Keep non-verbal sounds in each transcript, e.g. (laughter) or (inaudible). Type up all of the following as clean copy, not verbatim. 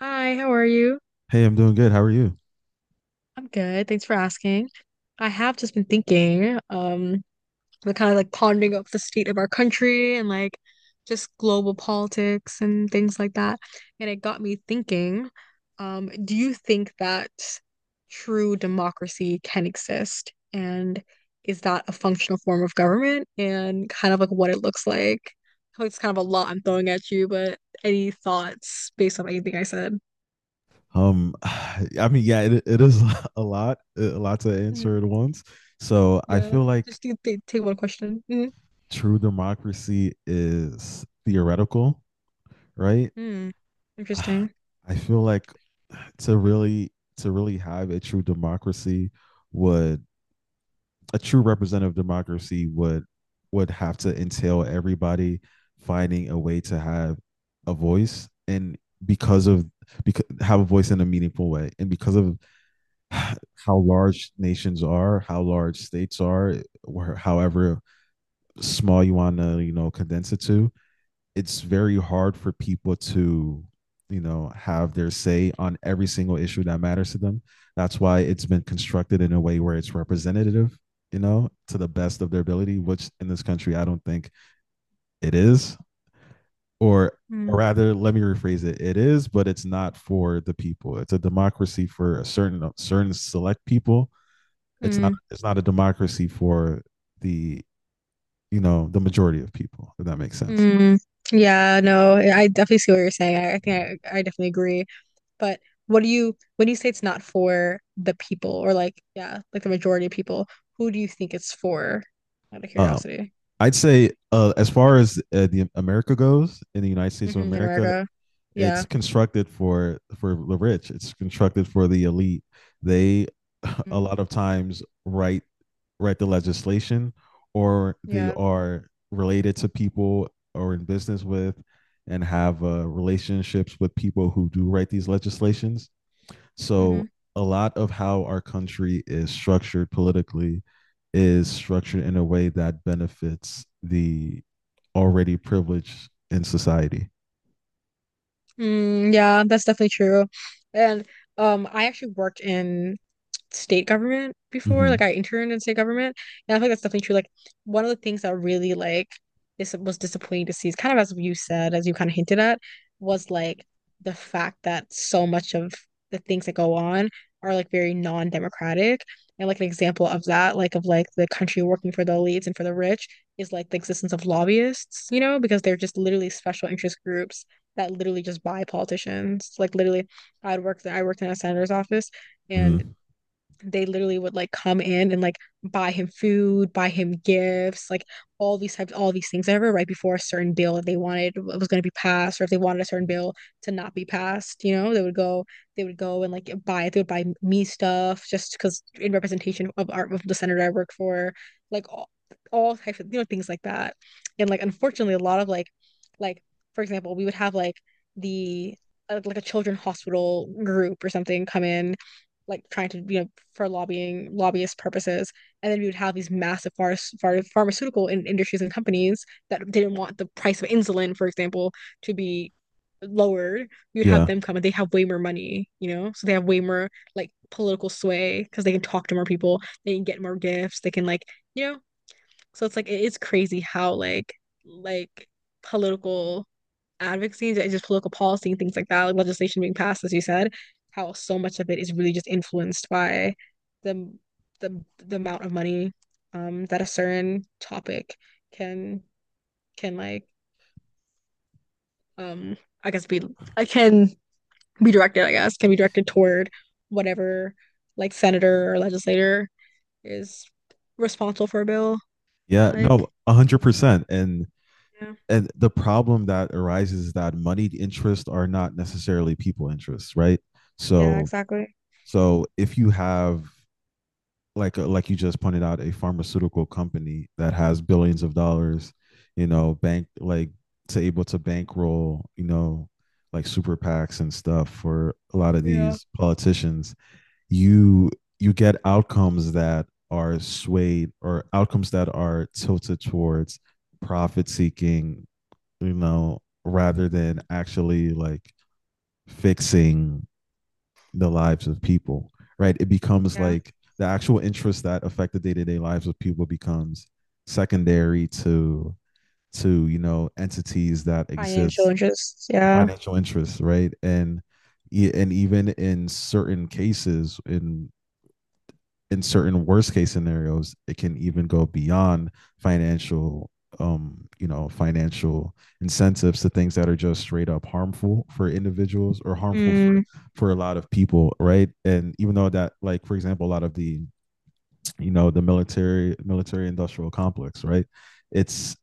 Hi, how are you? Hey, I'm doing good. How are you? I'm good. Thanks for asking. I have just been thinking, the kind of like pondering of the state of our country and like just global politics and things like that. And it got me thinking, do you think that true democracy can exist? And is that a functional form of government and kind of like what it looks like? I feel like it's kind of a lot I'm throwing at you, but any thoughts based on anything I said? (sighs) I mean, Yeah, it is (laughs) a lot to answer at once. So I Yeah. feel like Just take one question. Mm. true democracy is theoretical, right? Mm. (sighs) Interesting. I feel like to really have a true democracy would a true representative democracy would have to entail everybody finding a way to have a voice and because of because have a voice in a meaningful way and because of how large nations are, how large states are, or however small you want to, you know, condense it to, it's very hard for people to, you know, have their say on every single issue that matters to them. That's why it's been constructed in a way where it's representative, you know, to the best of their ability, which in this country I don't think it is. Or Mm. or rather, let me rephrase it, it is, but it's not for the people. It's a democracy for a certain select people. It's not Mm. it's not a democracy for the, you know, the majority of people. If that makes sense. Mm. Yeah, no, I definitely see what you're saying. I think I definitely agree. But when you say it's not for the people or like, yeah, like the majority of people, who do you think it's for? Out of Um, curiosity. I'd say as far as the America goes, in the United States of Hmm. In America, America. it's Yeah. constructed for the rich. It's constructed for the elite. They (laughs) a Mm. lot of times write write the legislation, or they Yeah. are related to people or in business with, and have relationships with people who do write these legislations. Hmm. So a lot of how our country is structured politically is structured in a way that benefits the already privileged in society. Mm, yeah, that's definitely true. And I actually worked in state government before. Like Mm-hmm. I interned in state government, and I feel like that's definitely true. Like one of the things that really like this was disappointing to see is kind of as you said, as you kind of hinted at, was like the fact that so much of the things that go on are like very non-democratic. And like an example of that, like of like the country working for the elites and for the rich is like the existence of lobbyists, you know, because they're just literally special interest groups that literally just buy politicians. Like literally I worked in a senator's office, and Mm-hmm. they literally would like come in and like buy him food, buy him gifts, like all these types, all these things. I remember right before a certain bill that they wanted was going to be passed, or if they wanted a certain bill to not be passed, you know, they would go and like buy it. They would buy me stuff just because in representation of art of the senator I work for, like all, all types of, you know, things like that. And like unfortunately, a lot of like for example, we would have like the like a children's hospital group or something come in like trying to, you know, for lobbying lobbyist purposes, and then we would have these massive pharmaceutical industries and companies that didn't want the price of insulin, for example, to be lowered. We would have Yeah. them come, and they have way more money, you know, so they have way more like political sway because they can talk to more people, they can get more gifts, they can like, you know. So it's like it is crazy how like political advocacy and just political policy and things like that, like legislation being passed, as you said, how so much of it is really just influenced by the the amount of money, um, that a certain topic can can like um I guess be, I can be directed, I guess, can be directed toward whatever like senator or legislator is responsible for a bill. Yeah. No, Like, 100%. And yeah. and the problem that arises is that moneyed interests are not necessarily people interests, right? Yeah, So exactly. so if you have like you just pointed out, a pharmaceutical company that has billions of dollars, you know, bank like to able to bankroll, you know, like super PACs and stuff for a lot of Yeah. these politicians, you you get outcomes that are swayed or outcomes that are tilted towards profit seeking, you know, rather than actually like fixing the lives of people, right? It becomes Yeah. like the actual interests that affect the day-to-day lives of people becomes secondary to you know entities that Financial exist interests. Yeah. financial interests right and and even in certain cases in certain worst case scenarios, it can even go beyond financial, you know, financial incentives to things that are just straight up harmful for individuals or harmful Mm, for a lot of people, right? And even though that, like for example, a lot of the you know the military industrial complex, right? It's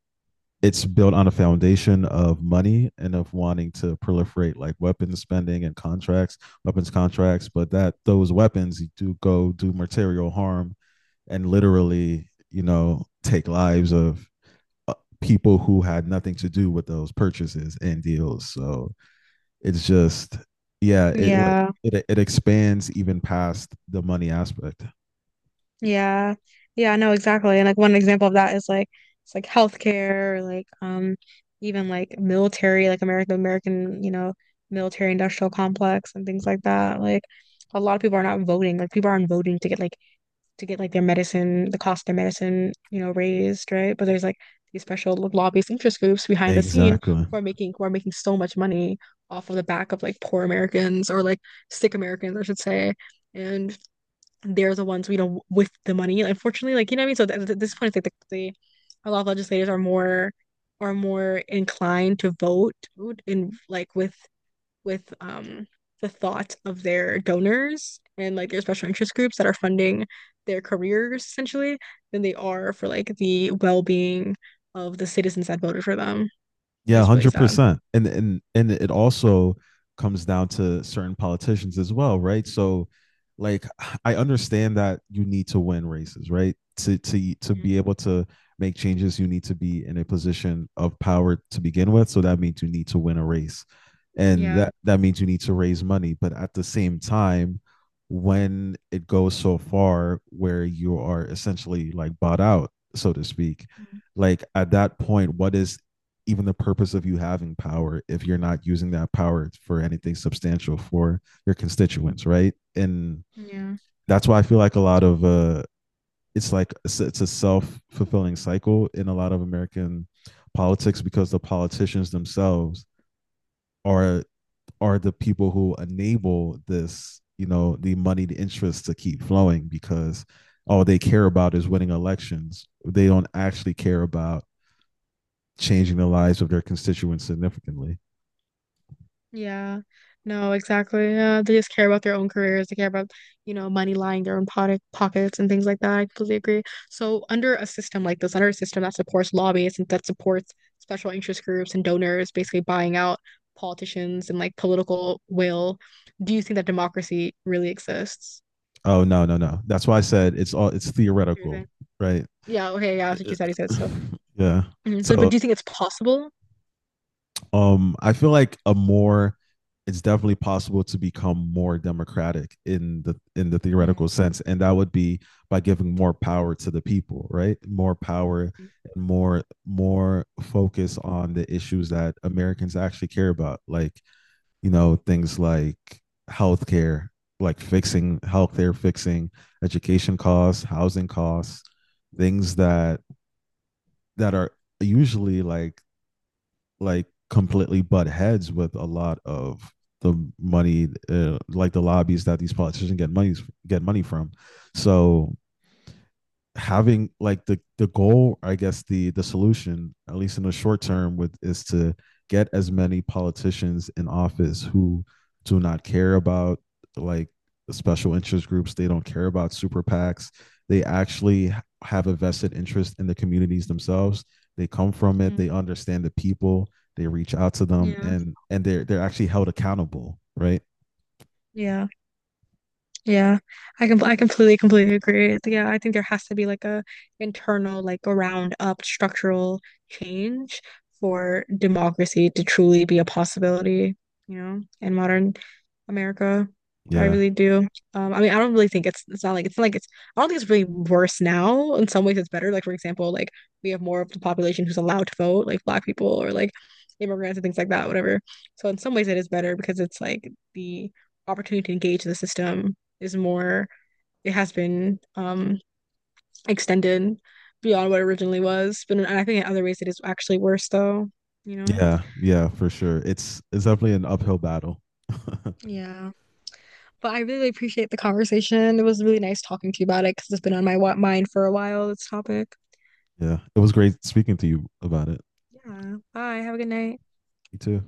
it's built on a foundation of money and of wanting to proliferate like weapons spending and contracts, weapons contracts, but that those weapons do go do material harm and literally, you know, take lives of uh, people who had nothing to do with those purchases and deals. So it's just, yeah, it like yeah. it expands even past the money aspect. Yeah. Yeah, no, exactly. And like one example of that is like it's like healthcare, or, like, um, even like military, like American, you know, military industrial complex and things like that. Like a lot of people are not voting. Like people aren't voting to get like their medicine, the cost of their medicine, you know, raised, right? But there's like these special lobbyist interest groups behind the scene Exactly. Who are making so much money off of the back of like poor Americans or like sick Americans, I should say. And they're the ones, you know, with the money. Unfortunately, like you know what I mean. So th th this point, it's like the a lot of legislators are more inclined to vote in like with, um, the thought of their donors and like their special interest groups that are funding their careers essentially than they are for like the well-being of the citizens that voted for them. And Yeah, one it's really hundred sad. percent. And it also comes down to certain politicians as well, right? So like I understand that you need to win races, right? To to be able to make changes, you need to be in a position of power to begin with. So that means you need to win a race. And Yeah. that means you need to raise money. But at the same time, when it goes so far where you are essentially like bought out, so to speak, Mm. like at that point, what is even the purpose of you having power if you're not using that power for anything substantial for your constituents, right? And Yeah. that's why I feel like a lot of it's like it's a self fulfilling cycle in a lot of American politics because the politicians themselves are are the people who enable this, you know, the moneyed interests to keep flowing because all they care about is winning elections. They don't actually care about changing the lives of their constituents significantly. Yeah, no, exactly. Yeah, they just care about their own careers. They care about, you know, money lying their own pockets and things like that. I completely agree. So under a system like this, under a system that supports lobbyists and that supports special interest groups and donors basically buying out politicians and like political will, do you think that democracy really exists? Oh no, no, no. That's why I said it's all it's What do you theoretical, think? right? Yeah, okay, yeah, that's what you (laughs) said. You said so. Yeah. Mhm. So, but So do you think it's possible? I feel like a more it's definitely possible to become more democratic in the Hmm. theoretical sense, and that would be by giving more power to the people, right? More power more focus on the issues that Americans actually care about, like you know things like healthcare, like fixing healthcare, fixing education costs, housing costs, things that that are usually like completely butt heads with a lot of the money, like the lobbies that these politicians get money from. So having like the goal, I guess, the solution at least in the short term with is to get as many politicians in office who do not care about like special interest groups. They don't care about super pacs. They actually have a vested interest in the communities themselves. They come from it. Mm. They understand the people. They reach out to them, Yeah. and and they're actually held accountable, right? Yeah. Yeah, I completely agree. Yeah, I think there has to be like a internal like a round up structural change for democracy to truly be a possibility, you know, in modern America. I Yeah, really do. I mean, I don't really think it's not like it's not like it's I don't think it's really worse now. In some ways, it's better. Like for example, like we have more of the population who's allowed to vote, like Black people or like immigrants and things like that, whatever. So in some ways, it is better because it's like the opportunity to engage the system is more. It has been, um, extended beyond what it originally was, but I think in other ways it is actually worse though, you know? yeah, yeah, for sure. It's definitely an uphill battle. (laughs) Yeah. But I really appreciate the conversation. It was really nice talking to you about it because it's been on my mind for a while, this topic. Yeah, it was great speaking to you about it. Yeah. Bye. Have a good night. Me too.